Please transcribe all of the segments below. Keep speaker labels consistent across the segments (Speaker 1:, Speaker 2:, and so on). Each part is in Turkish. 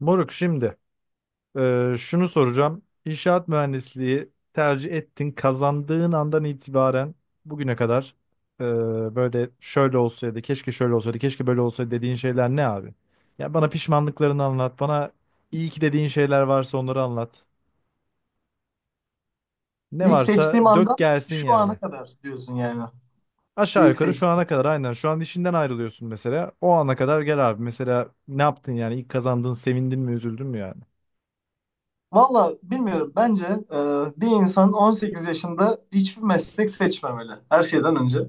Speaker 1: Moruk şimdi, şunu soracağım. İnşaat mühendisliği tercih ettin, kazandığın andan itibaren bugüne kadar, e, böyle şöyle olsaydı, keşke şöyle olsaydı, keşke böyle olsaydı dediğin şeyler ne abi? Ya bana pişmanlıklarını anlat, bana iyi ki dediğin şeyler varsa onları anlat. Ne
Speaker 2: İlk
Speaker 1: varsa
Speaker 2: seçtiğim
Speaker 1: dök
Speaker 2: andan
Speaker 1: gelsin
Speaker 2: şu ana
Speaker 1: yani.
Speaker 2: kadar diyorsun yani.
Speaker 1: Aşağı
Speaker 2: İlk
Speaker 1: yukarı
Speaker 2: seç.
Speaker 1: şu ana kadar aynen. Şu an işinden ayrılıyorsun mesela. O ana kadar gel abi. Mesela ne yaptın yani? İlk kazandığın sevindin mi, üzüldün mü yani?
Speaker 2: Valla bilmiyorum. Bence e, bir insan 18 yaşında hiçbir meslek seçmemeli. Her şeyden önce.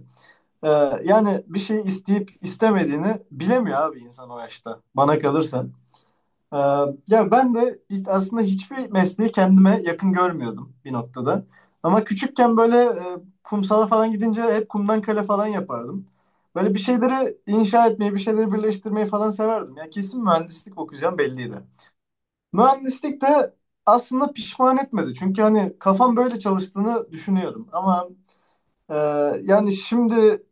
Speaker 2: E, yani bir şey isteyip istemediğini bilemiyor abi insan o yaşta. Bana kalırsa. Ee, Ya ben de aslında hiçbir mesleği kendime yakın görmüyordum bir noktada. Ama küçükken böyle kumsala falan gidince hep kumdan kale falan yapardım. Böyle bir şeyleri inşa etmeyi, bir şeyleri birleştirmeyi falan severdim. Ya kesin mühendislik okuyacağım belliydi. Mühendislik de aslında pişman etmedi. Çünkü hani kafam böyle çalıştığını düşünüyorum. Ama e, yani şimdi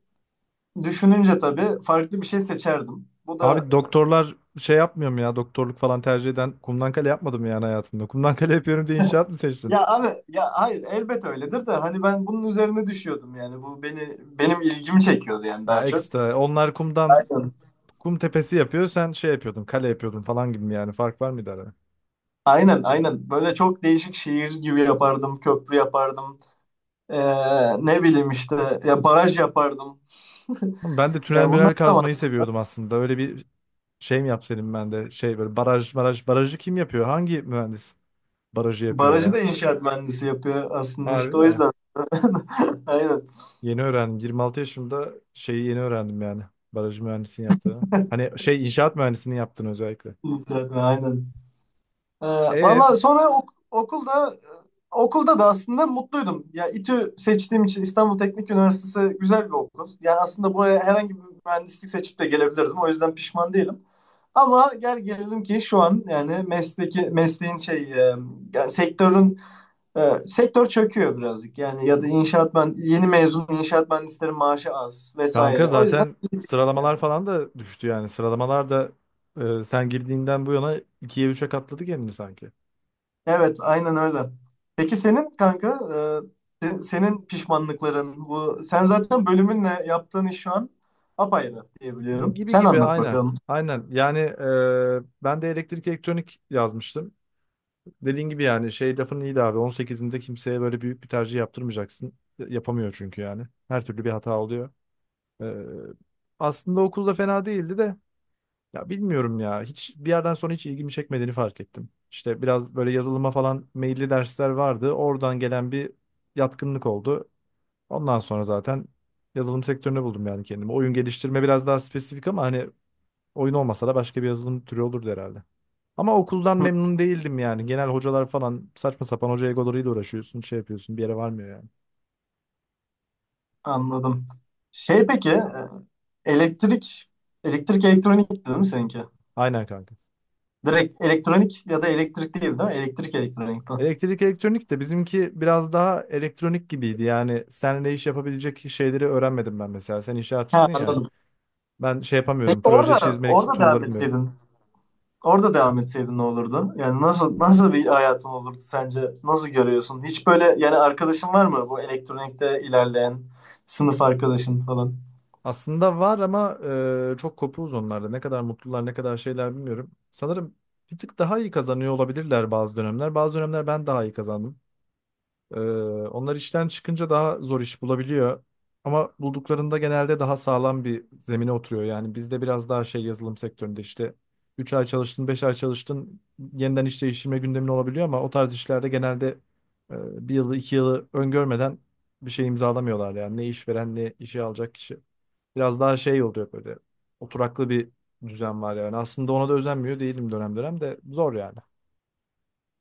Speaker 2: düşününce tabii farklı bir şey seçerdim. Bu da.
Speaker 1: Abi doktorlar şey yapmıyor mu ya? Doktorluk falan tercih eden kumdan kale yapmadım yani hayatında. Kumdan kale yapıyorum diye inşaat mı seçtin?
Speaker 2: Ya abi ya hayır elbet öyledir de hani ben bunun üzerine düşüyordum yani bu beni benim ilgimi çekiyordu yani
Speaker 1: Ya
Speaker 2: daha çok.
Speaker 1: ekstra. Onlar kumdan
Speaker 2: Aynen.
Speaker 1: kum tepesi yapıyor. Sen şey yapıyordun, kale yapıyordun falan gibi mi yani? Fark var mıydı arada?
Speaker 2: Aynen, aynen, böyle çok değişik şiir gibi yapardım, köprü yapardım. Ne bileyim işte ya baraj yapardım.
Speaker 1: Ama ben de tünel
Speaker 2: Ya bunlar.
Speaker 1: münel kazmayı seviyordum aslında. Öyle bir şey mi yapsaydım ben de? Şey böyle baraj baraj barajı kim yapıyor? Hangi mühendis barajı yapıyor
Speaker 2: Barajı
Speaker 1: ya?
Speaker 2: da inşaat mühendisi yapıyor aslında, işte
Speaker 1: Harbi
Speaker 2: o
Speaker 1: mi?
Speaker 2: yüzden. Aynen,
Speaker 1: Yeni öğrendim. 26 yaşımda şeyi yeni öğrendim yani. Baraj mühendisinin yaptığını. Hani şey inşaat mühendisinin yaptığını özellikle.
Speaker 2: inşaat mühendisi, aynen. Ee,
Speaker 1: E,
Speaker 2: valla sonra okulda da aslında mutluydum. Ya İTÜ seçtiğim için, İstanbul Teknik Üniversitesi güzel bir okul. Yani aslında buraya herhangi bir mühendislik seçip de gelebilirdim. O yüzden pişman değilim. Ama gel gelelim ki şu an yani mesleki mesleğin yani sektörün, sektör çöküyor birazcık. Yani ya da inşaat, ben yeni mezun inşaat mühendislerin maaşı az
Speaker 1: kanka
Speaker 2: vesaire. O yüzden
Speaker 1: zaten sıralamalar
Speaker 2: yani.
Speaker 1: falan da düştü yani. Sıralamalar da, sen girdiğinden bu yana ikiye üçe katladı kendini sanki.
Speaker 2: Evet, aynen öyle. Peki senin kanka, senin pişmanlıkların bu, sen zaten bölümünle yaptığın iş şu an apayrı diyebiliyorum.
Speaker 1: Gibi
Speaker 2: Sen
Speaker 1: gibi
Speaker 2: anlat
Speaker 1: aynen.
Speaker 2: bakalım.
Speaker 1: Aynen. Yani, ben de elektrik elektronik yazmıştım. Dediğin gibi yani şey lafın iyiydi abi. 18'inde kimseye böyle büyük bir tercih yaptırmayacaksın. Yapamıyor çünkü yani. Her türlü bir hata oluyor. E, Aslında okulda fena değildi de ya bilmiyorum ya. Hiç bir yerden sonra hiç ilgimi çekmediğini fark ettim. İşte biraz böyle yazılıma falan meyilli dersler vardı. Oradan gelen bir yatkınlık oldu. Ondan sonra zaten yazılım sektöründe buldum yani kendimi. Oyun geliştirme biraz daha spesifik ama hani oyun olmasa da başka bir yazılım türü olurdu herhalde. Ama okuldan memnun değildim yani. Genel hocalar falan saçma sapan hoca egolarıyla uğraşıyorsun, şey yapıyorsun, bir yere varmıyor yani.
Speaker 2: Anladım. Peki, elektrik elektrik elektronik değil mi seninki?
Speaker 1: Aynen kanka.
Speaker 2: Direkt elektronik ya da elektrik değil mi? Elektrik elektronikten.
Speaker 1: Elektrik elektronik de bizimki biraz daha elektronik gibiydi. Yani seninle iş yapabilecek şeyleri öğrenmedim ben mesela. Sen
Speaker 2: Ha,
Speaker 1: inşaatçısın ya.
Speaker 2: anladım.
Speaker 1: Ben şey
Speaker 2: Peki
Speaker 1: yapamıyorum. Proje
Speaker 2: orada
Speaker 1: çizmelik
Speaker 2: orada devam
Speaker 1: tool'ları bilmiyorum.
Speaker 2: etseydin. Orada devam etseydin ne olurdu? Yani nasıl bir hayatın olurdu sence? Nasıl görüyorsun? Hiç böyle yani arkadaşın var mı bu elektronikte ilerleyen sınıf arkadaşın falan?
Speaker 1: Aslında var ama, çok kopuğuz onlarda. Ne kadar mutlular, ne kadar şeyler bilmiyorum. Sanırım bir tık daha iyi kazanıyor olabilirler bazı dönemler. Bazı dönemler ben daha iyi kazandım. Ee, Onlar işten çıkınca daha zor iş bulabiliyor. Ama bulduklarında genelde daha sağlam bir zemine oturuyor. Yani bizde biraz daha şey yazılım sektöründe işte 3 ay çalıştın, 5 ay çalıştın yeniden iş değiştirme gündemin olabiliyor ama o tarz işlerde genelde, bir yılı 2 yılı öngörmeden bir şey imzalamıyorlar yani ne işveren ne işe alacak kişi. Biraz daha şey oluyor böyle oturaklı bir düzen var yani. Aslında ona da özenmiyor değilim dönem dönem de zor yani.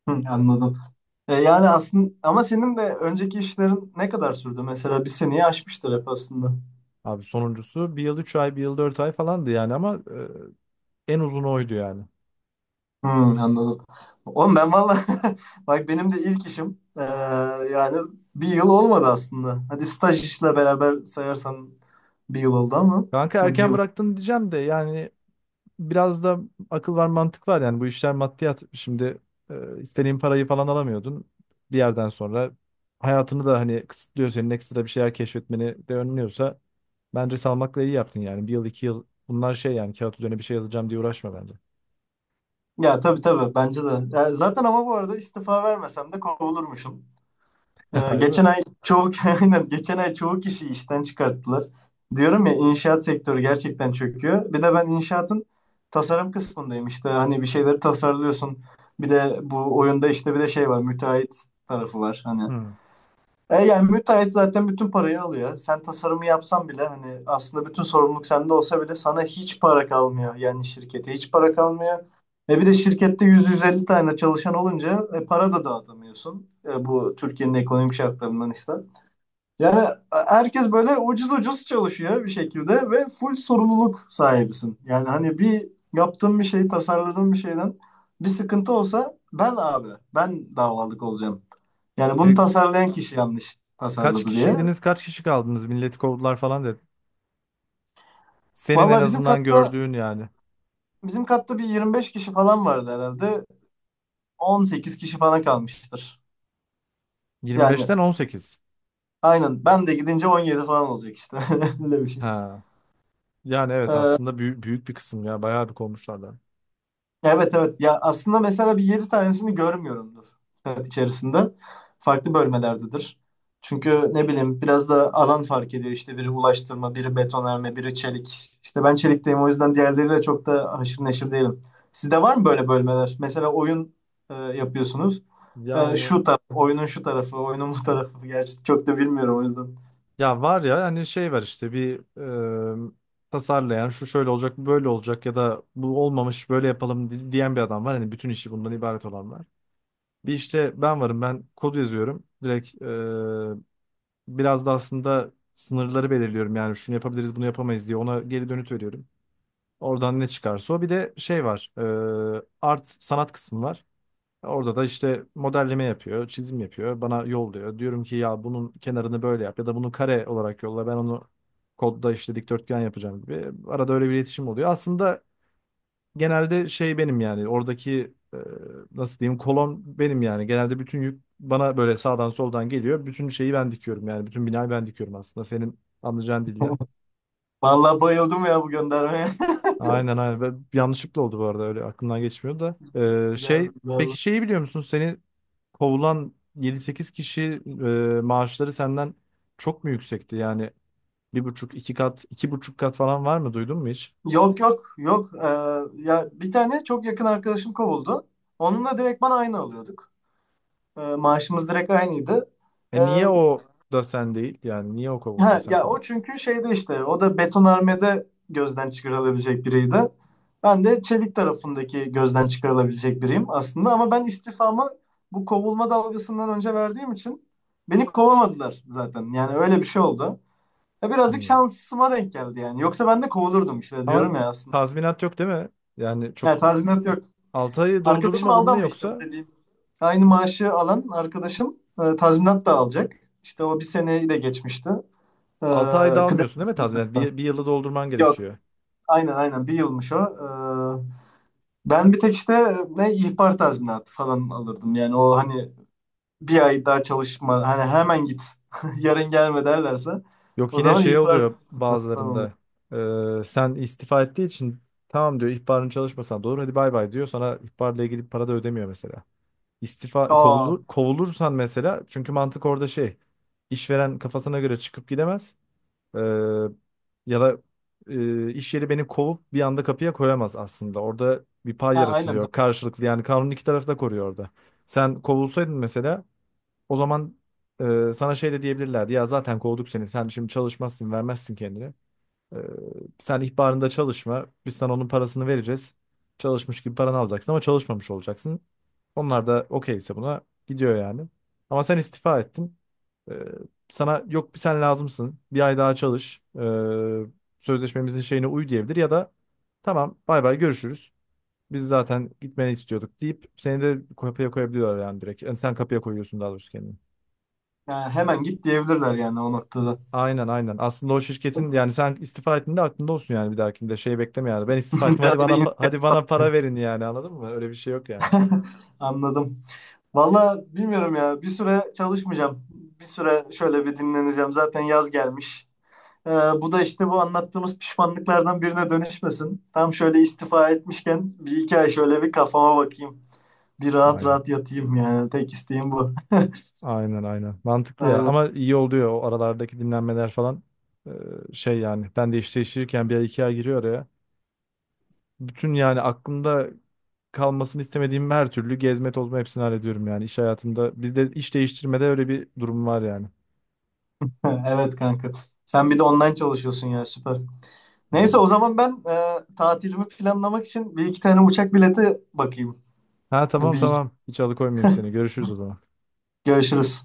Speaker 2: Hı, anladım. Yani aslında ama senin de önceki işlerin ne kadar sürdü? Mesela bir seneyi aşmıştır hep aslında.
Speaker 1: Abi sonuncusu bir yıl 3 ay, bir yıl 4 ay falandı yani ama en uzun oydu yani.
Speaker 2: Hı, anladım. Oğlum ben valla bak benim de ilk işim, yani, bir yıl olmadı aslında. Hadi staj işle beraber sayarsan bir yıl oldu ama
Speaker 1: Kanka
Speaker 2: ya bir
Speaker 1: erken
Speaker 2: yıl.
Speaker 1: bıraktın diyeceğim de yani biraz da akıl var mantık var yani bu işler maddiyat. Şimdi, istediğin parayı falan alamıyordun. Bir yerden sonra hayatını da hani kısıtlıyor senin ekstra bir şeyler keşfetmeni de önlüyorsa bence salmakla iyi yaptın yani. Bir yıl iki yıl bunlar şey yani kağıt üzerine bir şey yazacağım diye uğraşma bence.
Speaker 2: Ya, tabii, tabii, bence de. Ya zaten ama bu arada istifa vermesem de kovulurmuşum. Ee,
Speaker 1: Harbi mi?
Speaker 2: geçen ay çoğu aynen geçen ay çoğu kişiyi işten çıkarttılar. Diyorum ya inşaat sektörü gerçekten çöküyor. Bir de ben inşaatın tasarım kısmındayım işte. Hani bir şeyleri tasarlıyorsun. Bir de bu oyunda işte bir de şey var, müteahhit tarafı var. Hani
Speaker 1: Hmm.
Speaker 2: yani müteahhit zaten bütün parayı alıyor. Sen tasarımı yapsan bile hani aslında bütün sorumluluk sende olsa bile sana hiç para kalmıyor. Yani şirkete hiç para kalmıyor. Bir de şirkette 100-150 tane çalışan olunca, para da dağıtamıyorsun. Bu Türkiye'nin ekonomik şartlarından işte. Yani herkes böyle ucuz ucuz çalışıyor bir şekilde ve full sorumluluk sahibisin. Yani hani bir yaptığın bir şeyi, tasarladığın bir şeyden bir sıkıntı olsa, ben abi ben davalık olacağım. Yani bunu
Speaker 1: E,
Speaker 2: tasarlayan kişi yanlış
Speaker 1: Kaç
Speaker 2: tasarladı diye.
Speaker 1: kişiydiniz kaç kişi kaldınız milleti kovdular falan dedi. Senin en
Speaker 2: Vallahi bizim
Speaker 1: azından
Speaker 2: katta
Speaker 1: gördüğün yani.
Speaker 2: bizim katta bir 25 kişi falan vardı herhalde. 18 kişi falan kalmıştır. Yani
Speaker 1: 25'ten 18.
Speaker 2: aynen ben de gidince 17 falan olacak işte. Öyle bir şey.
Speaker 1: Ha. Yani evet aslında büyük, büyük bir kısım ya bayağı bir kovmuşlardan.
Speaker 2: Evet, evet, ya aslında mesela bir 7 tanesini görmüyorumdur hayat içerisinde. Farklı bölmelerdedir. Çünkü ne bileyim, biraz da alan fark ediyor işte: biri ulaştırma, biri betonarme, biri çelik. İşte ben çelikteyim, o yüzden diğerleriyle çok da haşır neşir değilim. Sizde var mı böyle bölmeler? Mesela oyun yapıyorsunuz. E,
Speaker 1: Yani
Speaker 2: şu taraf, oyunun şu tarafı, oyunun bu tarafı. Gerçi çok da bilmiyorum o yüzden.
Speaker 1: ya var ya hani şey var işte bir, e, tasarlayan şu şöyle olacak bu böyle olacak ya da bu olmamış böyle yapalım diyen bir adam var. Hani bütün işi bundan ibaret olan var. Bir işte ben varım ben kod yazıyorum. Direkt, biraz da aslında sınırları belirliyorum yani şunu yapabiliriz bunu yapamayız diye ona geri dönüt veriyorum. Oradan ne çıkarsa o bir de şey var, art sanat kısmı var. Orada da işte modelleme yapıyor, çizim yapıyor, bana yolluyor. Diyorum ki ya bunun kenarını böyle yap ya da bunu kare olarak yolla. Ben onu kodda işte dikdörtgen yapacağım gibi. Arada öyle bir iletişim oluyor. Aslında genelde şey benim yani oradaki, nasıl diyeyim kolon benim yani. Genelde bütün yük bana böyle sağdan soldan geliyor. Bütün şeyi ben dikiyorum yani. Bütün binayı ben dikiyorum aslında senin anlayacağın dilden.
Speaker 2: Vallahi bayıldım ya bu göndermeye.
Speaker 1: Aynen aynen. Ve yanlışlıkla oldu bu arada öyle aklımdan geçmiyor da.
Speaker 2: Güzel,
Speaker 1: Şey peki
Speaker 2: güzel.
Speaker 1: şeyi biliyor musun? Seni kovulan yedi sekiz kişi, maaşları senden çok mu yüksekti? Yani bir buçuk, iki kat, iki buçuk kat falan var mı? Duydun mu hiç?
Speaker 2: Yok, yok, yok. Ya bir tane çok yakın arkadaşım kovuldu. Onunla direkt bana aynı alıyorduk. Maaşımız direkt aynıydı.
Speaker 1: E
Speaker 2: Ee,
Speaker 1: niye o da sen değil? Yani niye o kovuldu da
Speaker 2: ha,
Speaker 1: sen
Speaker 2: ya o
Speaker 1: kovdun?
Speaker 2: çünkü şeyde işte, o da betonarmede gözden çıkarılabilecek biriydi. Ben de çelik tarafındaki gözden çıkarılabilecek biriyim aslında ama ben istifamı bu kovulma dalgasından önce verdiğim için beni kovamadılar zaten. Yani öyle bir şey oldu. Ya birazcık
Speaker 1: Hmm.
Speaker 2: şansıma denk geldi yani. Yoksa ben de kovulurdum işte, diyorum
Speaker 1: Ama
Speaker 2: ya aslında.
Speaker 1: tazminat yok değil mi? Yani
Speaker 2: Yani
Speaker 1: çok
Speaker 2: tazminat yok.
Speaker 1: 6 ayı
Speaker 2: Arkadaşım
Speaker 1: doldurmadın
Speaker 2: aldı
Speaker 1: mı
Speaker 2: ama işte bu
Speaker 1: yoksa
Speaker 2: dediğim. Aynı maaşı alan arkadaşım, tazminat da alacak. İşte o bir seneyi de geçmişti. E,
Speaker 1: 6 ayda
Speaker 2: kıdem
Speaker 1: almıyorsun değil mi tazminat?
Speaker 2: tazminatı.
Speaker 1: Bir, bir yılı doldurman
Speaker 2: Yok.
Speaker 1: gerekiyor.
Speaker 2: Aynen, aynen, bir yılmış o. Ben bir tek işte ne ihbar tazminatı falan alırdım. Yani o hani bir ay daha çalışma, hani hemen git, yarın gelme derlerse
Speaker 1: Yok
Speaker 2: o
Speaker 1: yine
Speaker 2: zaman
Speaker 1: şey
Speaker 2: ihbar
Speaker 1: oluyor
Speaker 2: falan oluyor.
Speaker 1: bazılarında. Sen istifa ettiği için tamam diyor ihbarın çalışmasan da olur hadi bay bay diyor. Sana ihbarla ilgili para da ödemiyor mesela. İstifa
Speaker 2: Aa,
Speaker 1: kovulur, kovulursan mesela çünkü mantık orada şey işveren kafasına göre çıkıp gidemez. Ee, Ya da, iş yeri beni kovup bir anda kapıya koyamaz aslında. Orada bir pay
Speaker 2: ha, aynen
Speaker 1: yaratıyor
Speaker 2: tabii.
Speaker 1: karşılıklı yani kanun iki tarafı da koruyor orada. Sen kovulsaydın mesela o zaman, sana şey de diyebilirlerdi ya zaten kovduk seni sen şimdi çalışmazsın vermezsin kendini. Ee, Sen ihbarında çalışma. Biz sana onun parasını vereceğiz. Çalışmış gibi paranı alacaksın ama çalışmamış olacaksın. Onlar da okeyse buna gidiyor yani. Ama sen istifa ettin. Ee, Sana yok bir sen lazımsın. Bir ay daha çalış. Sözleşmemizin şeyine uy diyebilir ya da tamam bay bay görüşürüz. Biz zaten gitmeni istiyorduk deyip seni de kapıya koyabiliyorlar yani direkt. Yani sen kapıya koyuyorsun daha doğrusu kendini.
Speaker 2: Yani hemen git diyebilirler yani o noktada.
Speaker 1: Aynen aynen. Aslında o şirketin yani sen istifa ettiğinde aklında olsun yani bir dahakinde şey bekleme yani. Ben istifa ettim
Speaker 2: Biraz
Speaker 1: hadi
Speaker 2: da
Speaker 1: bana hadi bana para verin yani anladın mı? Öyle bir şey yok yani.
Speaker 2: anladım. Valla bilmiyorum ya. Bir süre çalışmayacağım. Bir süre şöyle bir dinleneceğim. Zaten yaz gelmiş. Ee, bu da işte bu anlattığımız pişmanlıklardan birine dönüşmesin. Tam şöyle istifa etmişken bir iki ay şöyle bir kafama bakayım. Bir rahat
Speaker 1: Aynen.
Speaker 2: rahat yatayım yani. Tek isteğim bu.
Speaker 1: Aynen aynen. Mantıklı ya.
Speaker 2: Aynen.
Speaker 1: Ama iyi oluyor o aralardaki dinlenmeler falan. Ee, Şey yani ben de iş değiştirirken bir ay iki ay giriyor araya. Bütün yani aklımda kalmasını istemediğim her türlü gezme tozma hepsini hallediyorum yani iş hayatında. Bizde iş değiştirmede öyle bir durum var yani.
Speaker 2: Evet, kanka. Sen bir de online çalışıyorsun ya, süper. Neyse
Speaker 1: Aynen.
Speaker 2: o zaman ben tatilimi planlamak için bir iki tane uçak bileti bakayım.
Speaker 1: Ha
Speaker 2: Bu
Speaker 1: tamam
Speaker 2: bir iki.
Speaker 1: tamam. Hiç alıkoymayayım seni. Görüşürüz o zaman.
Speaker 2: Görüşürüz.